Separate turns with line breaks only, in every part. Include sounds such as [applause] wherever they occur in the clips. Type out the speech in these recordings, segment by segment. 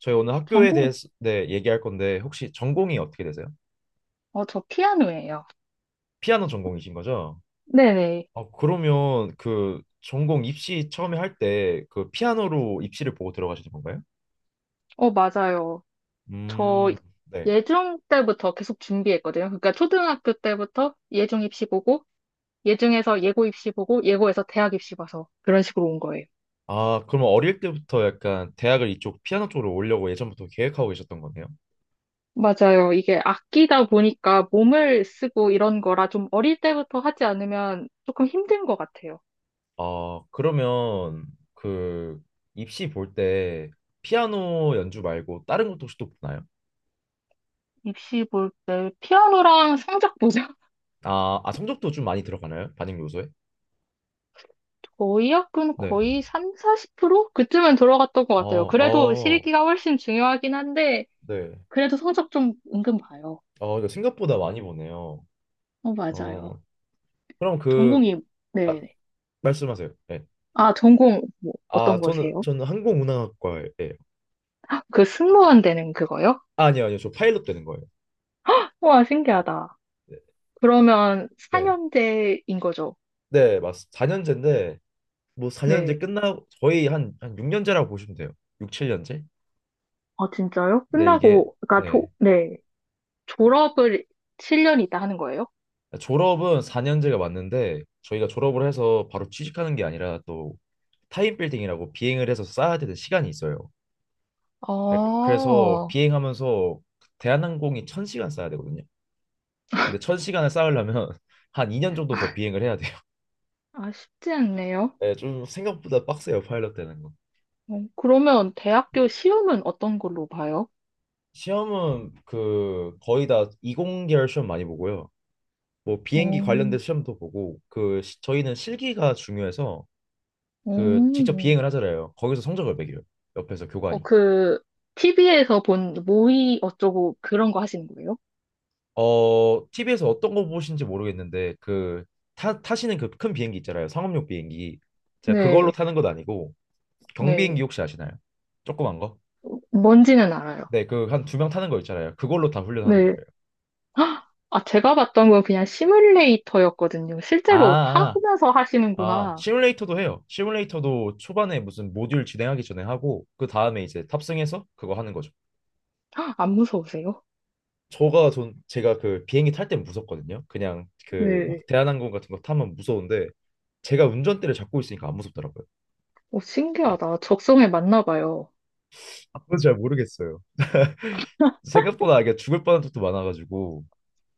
저희 오늘 학교에
전공,
대해서, 네, 얘기할 건데 혹시 전공이 어떻게 되세요?
저 피아노예요.
피아노 전공이신 거죠?
네네.
아, 그러면 그 전공 입시 처음에 할 때 그 피아노로 입시를 보고 들어가시는 건가요?
맞아요. 저
음. 네.
예중 때부터 계속 준비했거든요. 그러니까 초등학교 때부터 예중 입시 보고, 예중에서 예고 입시 보고, 예고에서 대학 입시 봐서 그런 식으로 온 거예요.
아, 그러면 어릴 때부터 약간 대학을 이쪽 피아노 쪽으로 오려고 예전부터 계획하고 계셨던 거네요.
맞아요. 이게 악기다 보니까 몸을 쓰고 이런 거라 좀 어릴 때부터 하지 않으면 조금 힘든 것 같아요.
아, 그러면 그 입시 볼 때 피아노 연주 말고 다른 것도 혹시 또 보나요?
입시 볼 때 피아노랑 성적 보죠. [laughs]
아, 성적도 좀 많이 들어가나요? 반영 요소에?
거의 학군
네.
거의 3, 40% 그쯤은 들어갔던 것
어,
같아요. 그래도
어,
실기가 훨씬 중요하긴 한데,
네.
그래도 성적 좀 은근 봐요.
어, 이거 생각보다 많이 보네요.
맞아요.
어, 그럼
전공이,
아,
네네.
말씀하세요. 네.
아, 전공, 뭐,
아,
어떤
저는,
거세요?
저는 항공운항학과예요.
그 승무원 되는 그거요?
아, 아니요, 아니요. 저 파일럿 되는 거예요.
와, 신기하다.
네.
그러면
네,
4년제인 거죠?
네, 맞습니다. 4년제인데 뭐
네.
4년제 끝나고, 거의 한 6년제라고 보시면 돼요. 6, 7년제?
아, 진짜요?
네, 이게,
끝나고, 그러니까,
네.
네. 졸업을 7년 있다 하는 거예요?
졸업은 4년제가 맞는데, 저희가 졸업을 해서 바로 취직하는 게 아니라 또 타임 빌딩이라고 비행을 해서 쌓아야 되는 시간이 있어요. 예,
아,
그래서 비행하면서 대한항공이 1,000시간 쌓아야 되거든요. 근데 1,000 시간을 쌓으려면 [laughs] 한 2년 정도 더 비행을 해야 돼요.
아, 쉽지 않네요.
네, 좀 생각보다 빡세요, 파일럿 되는 거.
그러면 대학교 시험은 어떤 걸로 봐요?
시험은 그 거의 다 이공계열 시험 많이 보고요. 뭐 비행기
어,
관련된 시험도 보고 저희는 실기가 중요해서 그 직접
어.
비행을 하잖아요. 거기서 성적을 매겨요. 옆에서
어,
교관이.
그, TV에서 본 모의 어쩌고 그런 거 하시는 거예요?
TV에서 어떤 거 보신지 모르겠는데 그 타시는 그 큰 비행기 있잖아요. 상업용 비행기. 제가 그걸로
네,
타는 건 아니고 경비행기
네.
혹시 아시나요? 조그만 거?
뭔지는 알아요.
네, 그 한 두 명 타는 거 있잖아요. 그걸로 다 훈련하는
네.
거예요.
헉! 아, 제가 봤던 건 그냥 시뮬레이터였거든요. 실제로
아, 아,
타면서
아,
하시는구나.
시뮬레이터도 해요. 시뮬레이터도 초반에 무슨 모듈 진행하기 전에 하고 그 다음에 이제 탑승해서 그거 하는 거죠.
안 무서우세요?
저가 전 제가 그 비행기 탈 때 무섭거든요. 그냥 그
네.
막 대한항공 같은 거 타면 무서운데 제가 운전대를 잡고 있으니까 안 무섭더라고요.
오 신기하다. 적성에 맞나 봐요.
아, 그건 잘 모르겠어요. 생각보다 이게 죽을 뻔한 적도 많아가지고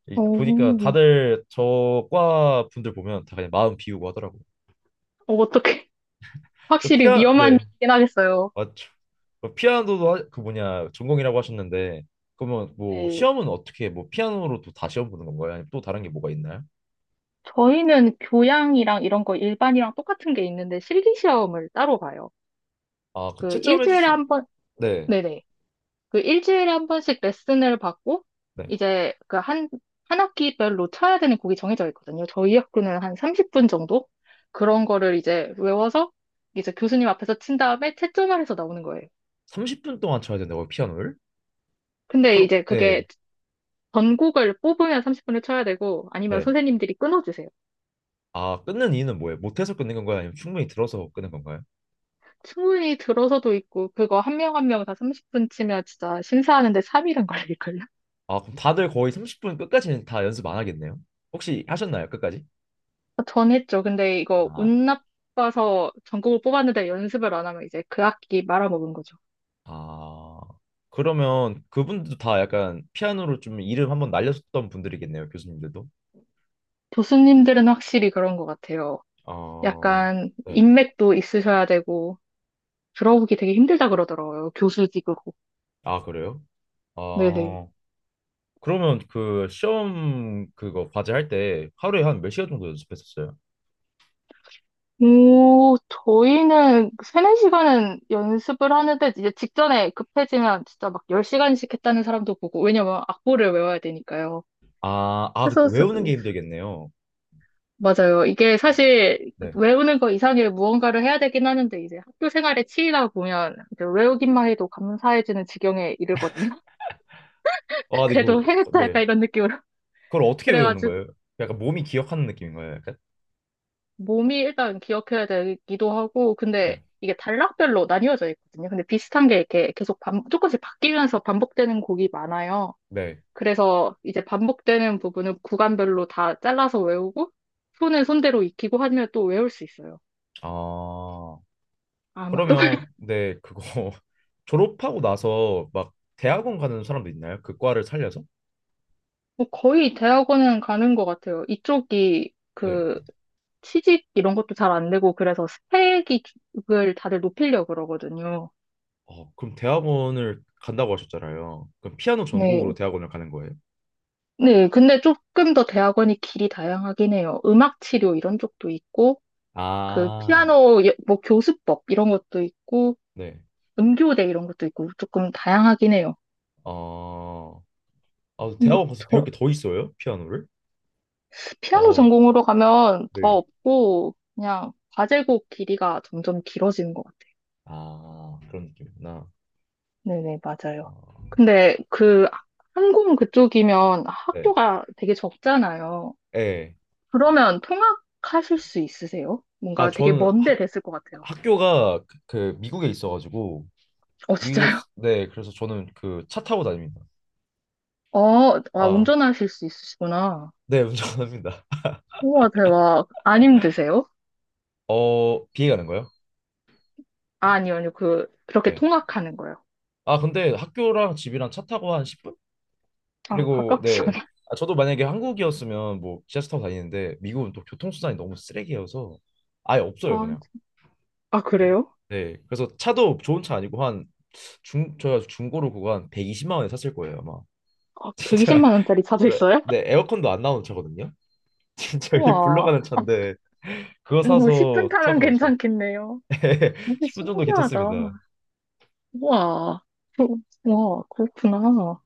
보니까
어,
다들 저과 분들 보면 다 그냥 마음 비우고 하더라고요.
어, 떻게 [laughs]
그
확실히
피아
위험한
네,
일이긴 하겠어요.
맞죠. 그 피아노도 그 뭐냐, 전공이라고 하셨는데 그러면 뭐
네.
시험은 어떻게 뭐 피아노로 또 다 시험 보는 건가요? 아니면 또 다른 게 뭐가 있나요?
저희는 교양이랑 이런 거 일반이랑 똑같은 게 있는데 실기 시험을 따로 봐요.
아, 그
그
채점해
일주일에
주신.
한 번,
네.
네네. 그 일주일에 한 번씩 레슨을 받고
네.
이제 그 한 학기별로 쳐야 되는 곡이 정해져 있거든요. 저희 학교는 한 30분 정도? 그런 거를 이제 외워서 이제 교수님 앞에서 친 다음에 채점을 해서 나오는 거예요.
30분 동안 쳐야 된다고요, 피아노를?
근데
그럼.
이제 그게
네.
전곡을 뽑으면 30분을 쳐야 되고 아니면
네.
선생님들이 끊어주세요.
아, 끊는 이유는 뭐예요? 못해서 끊는 건가요? 아니면 충분히 들어서 끊는 건가요?
충분히 들어서도 있고 그거 한 명 한 명 다 30분 치면 진짜 심사하는데 3일은 걸릴걸요?
아, 그럼 다들 거의 30분 끝까지는 다 연습 안 하겠네요. 혹시 하셨나요, 끝까지?
전 했죠. 근데 이거
아,
운 나빠서 전곡을 뽑았는데 연습을 안 하면 이제 그 학기 말아먹은 거죠.
아. 그러면 그분들도 다 약간 피아노로 좀 이름 한번 날렸었던 분들이겠네요, 교수님들도.
교수님들은 확실히 그런 것 같아요.
아,
약간
네.
인맥도 있으셔야 되고 들어오기 되게 힘들다 그러더라고요. 교수직으로.
아, 그래요?
네네.
아, 그러면 그 시험 그거 과제 할 때 하루에 한 몇 시간 정도 연습했었어요?
오, 저희는 세네 시간은 연습을 하는데 이제 직전에 급해지면 진짜 막 10시간씩 했다는 사람도 보고 왜냐면 악보를 외워야 되니까요.
아, 그
그래서 사-
외우는 게 힘들겠네요.
맞아요. 이게 사실
네.
외우는 거 이상의 무언가를 해야 되긴 하는데 이제 학교 생활에 치이다 보면 이제 외우기만 해도 감사해지는 지경에 이르거든요. [laughs]
아, 네,
그래도 해냈다
네.
약간 이런 느낌으로.
그걸 어떻게 외우는
그래가지고
거예요? 약간 몸이 기억하는 느낌인가요? 약간?
몸이 일단 기억해야 되기도 하고,
네.
근데 이게 단락별로 나뉘어져 있거든요. 근데 비슷한 게 이렇게 계속 조금씩 바뀌면서 반복되는 곡이 많아요.
네.
그래서 이제 반복되는 부분은 구간별로 다 잘라서 외우고, 손은 손대로 익히고 하면 또 외울 수 있어요.
아,
아마도.
그러면,
[laughs]
네, 그거 [laughs] 졸업하고 나서 막 대학원 가는 사람도 있나요? 그 과를 살려서?
뭐 거의 대학원은 가는 것 같아요. 이쪽이
네.
그 취직 이런 것도 잘 안 되고, 그래서 스펙을 다들 높이려고 그러거든요.
어, 그럼 대학원을 간다고 하셨잖아요. 그럼 피아노 전공으로
네.
대학원을 가는 거예요?
네, 근데 조금 더 대학원이 길이 다양하긴 해요. 음악 치료 이런 쪽도 있고, 그
아,
피아노 뭐 교수법 이런 것도 있고,
네.
음교대 이런 것도 있고 조금 다양하긴 해요.
어, 아,
근데
대학원 가서 배울 게 더 있어요? 피아노를?
피아노
아우,
전공으로 가면 더
네.
없고 그냥 과제곡 길이가 점점 길어지는 것 같아요.
아, 그런 느낌이구나.
네네, 맞아요.
어,
근데 그 항공 그쪽이면
네.
학교가 되게 적잖아요.
네.
그러면 통학하실 수 있으세요?
아,
뭔가 되게
저는
먼데
학,
됐을 것 같아요.
학교가 그 미국에 있어가지고, 미국에,
진짜요?
네, 그래서 저는 그 차 타고 다닙니다. 아,
운전하실 수 있으시구나.
네, 운전합니다.
우와, 대박. 안 힘드세요?
어, 비행하는 거예요?
아,
어,
아니요, 아니요. 그렇게
네.
통학하는 거요.
아, 근데 학교랑 집이랑 차 타고 한 10분?
아,
그리고. 네.
가까우시구나.
아, 저도 만약에 한국이었으면 뭐 지하철 타고 다니는데 미국은 또 교통수단이 너무 쓰레기여서 아예 없어요,
아,
그냥.
아,
그래.
그래요?
네. 그래서 차도 좋은 차 아니고 한 중 저희가 중고로 그거 한 120만 원에 샀을 거예요 아마.
아,
[laughs] 진짜
120만 원짜리 차도 있어요?
에어컨도 안 나오는 차거든요. [laughs] 진짜 이게
우와.
굴러가는 차인데 그거
뭐, 10분
사서
타면
투어하고 있죠.
괜찮겠네요.
[laughs]
되게
10분 정도
신기하다.
괜찮습니다.
우와. 우와, 그렇구나.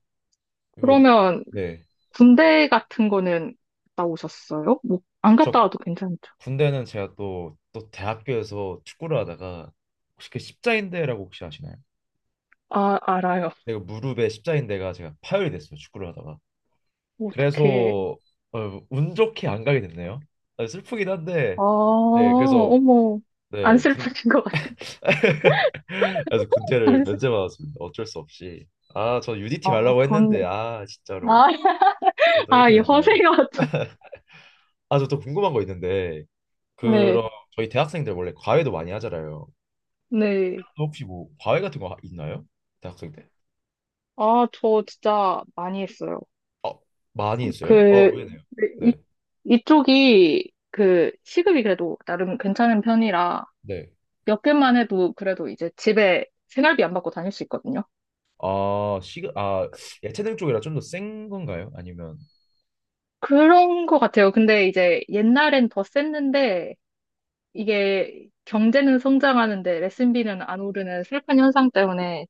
그리고.
그러면,
네.
군대 같은 거는 갔다 오셨어요? 뭐, 안 갔다
저
와도 괜찮죠?
군대는 제가 또 대학교에서 축구를 하다가 혹시 그 십자인대라고 혹시 아시나요?
아, 알아요.
내가 무릎에 십자인대가 제가 파열이 됐어요. 축구를 하다가.
어떻게,
그래서 어, 운 좋게 안 가게 됐네요. 아, 슬프긴 한데
아,
네 그래서
어머. 안
네
슬프신 것 같아.
[laughs] 그래서 군대를 면제받았습니다. 어쩔 수 없이. 아, 저 UDT
아,
가려고
좋네.
했는데. 아, 진짜로
아,
이게
[laughs]
또
아,
이렇게
이
되네요.
허세가 참-
아, 저 또 궁금한 거 있는데
네,
그럼 저희 대학생들 원래 과외도 많이 하잖아요.
네.
아, 혹시 뭐 과외 같은 거 있나요? 대학생 때?
아, 저 진짜 많이 했어요.
어, 많이 있어요? 어,
그,
왜네요?
이,
네,
이쪽이 그 시급이 그래도 나름 괜찮은 편이라
네.
몇 개만 해도 그래도 이제 집에 생활비 안 받고 다닐 수 있거든요.
아, 야채들 쪽이라 좀 더 센 건가요? 아니면.
그런 것 같아요. 근데 이제 옛날엔 더 셌는데 이게 경제는 성장하는데 레슨비는 안 오르는 슬픈 현상 때문에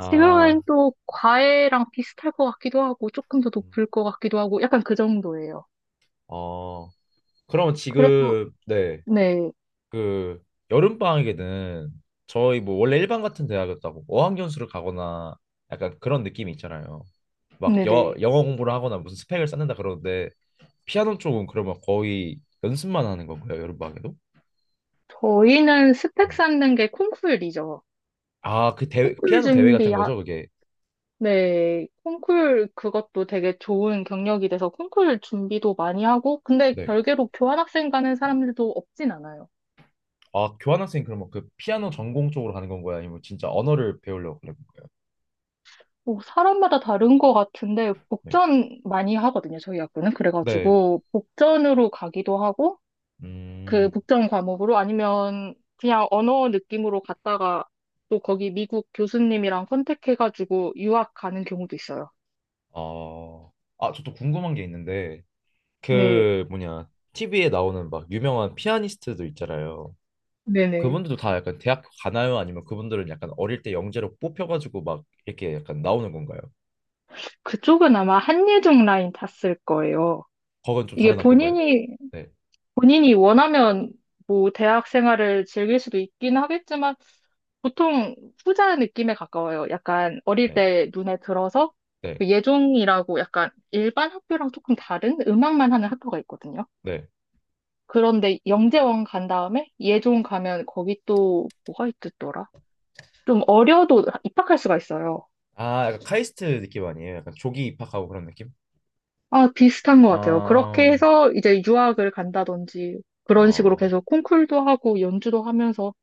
지금은 또 과외랑 비슷할 것 같기도 하고, 조금 더
음,
높을 것 같기도 하고, 약간 그 정도예요.
어, 그러면
그래서,
지금 네,
네,
그 여름 방학에는 저희 뭐 원래 일반 같은 대학이었다고 어학연수를 가거나 약간 그런 느낌이 있잖아요. 막 여,
네네.
영어 공부를 하거나 무슨 스펙을 쌓는다 그러는데 피아노 쪽은 그러면 거의 연습만 하는 건가요? 여름 방학에도?
저희는 스펙
네.
쌓는 게 콩쿨이죠.
아, 그 대회
콩쿨
피아노 대회
준비,
같은
하
거죠, 그게.
네, 콩쿨 그것도 되게 좋은 경력이 돼서 콩쿨 준비도 많이 하고, 근데
네.
별개로 교환학생 가는 사람들도 없진 않아요.
아, 교환학생 그러면 그 피아노 전공 쪽으로 가는 건 거야? 아니면 진짜 언어를 배우려고 그는 거예요?
뭐 사람마다 다른 것 같은데,
네.
복전 많이 하거든요, 저희 학교는.
네.
그래가지고, 복전으로 가기도 하고, 그
음.
국정 과목으로 아니면 그냥 언어 느낌으로 갔다가 또 거기 미국 교수님이랑 컨택해가지고 유학 가는 경우도 있어요.
어. 아, 저 또 궁금한 게 있는데
네,
그 뭐냐, TV에 나오는 막 유명한 피아니스트들 있잖아요.
네네.
그분들도 다 약간 대학교 가나요? 아니면 그분들은 약간 어릴 때 영재로 뽑혀가지고 막 이렇게 약간 나오는 건가요?
그쪽은 아마 한예종 라인 탔을 거예요.
거건 좀
이게
다른 학교인가요?
본인이,
네.
본인이 원하면 뭐 대학 생활을 즐길 수도 있긴 하겠지만 보통 후자 느낌에 가까워요. 약간 어릴
네.
때 눈에 들어서
네.
그 예종이라고 약간 일반 학교랑 조금 다른 음악만 하는 학교가 있거든요.
네.
그런데 영재원 간 다음에 예종 가면 거기 또 뭐가 있더라? 좀 어려도 입학할 수가 있어요.
아, 약간 카이스트 느낌 아니에요? 약간 조기 입학하고 그런 느낌?
아, 비슷한 것 같아요.
아,
그렇게 해서 이제 유학을 간다든지 그런 식으로
어,
계속 콩쿨도 하고 연주도 하면서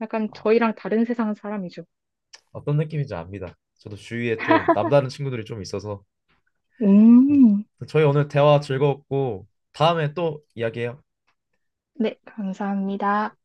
약간
아,
저희랑 다른 세상 사람이죠.
어떤 느낌인지 압니다. 저도 주위에 좀 남다른 친구들이 좀 있어서. 네.
음,
저희 오늘 대화 즐거웠고 다음에 또 이야기해요.
네, 감사합니다.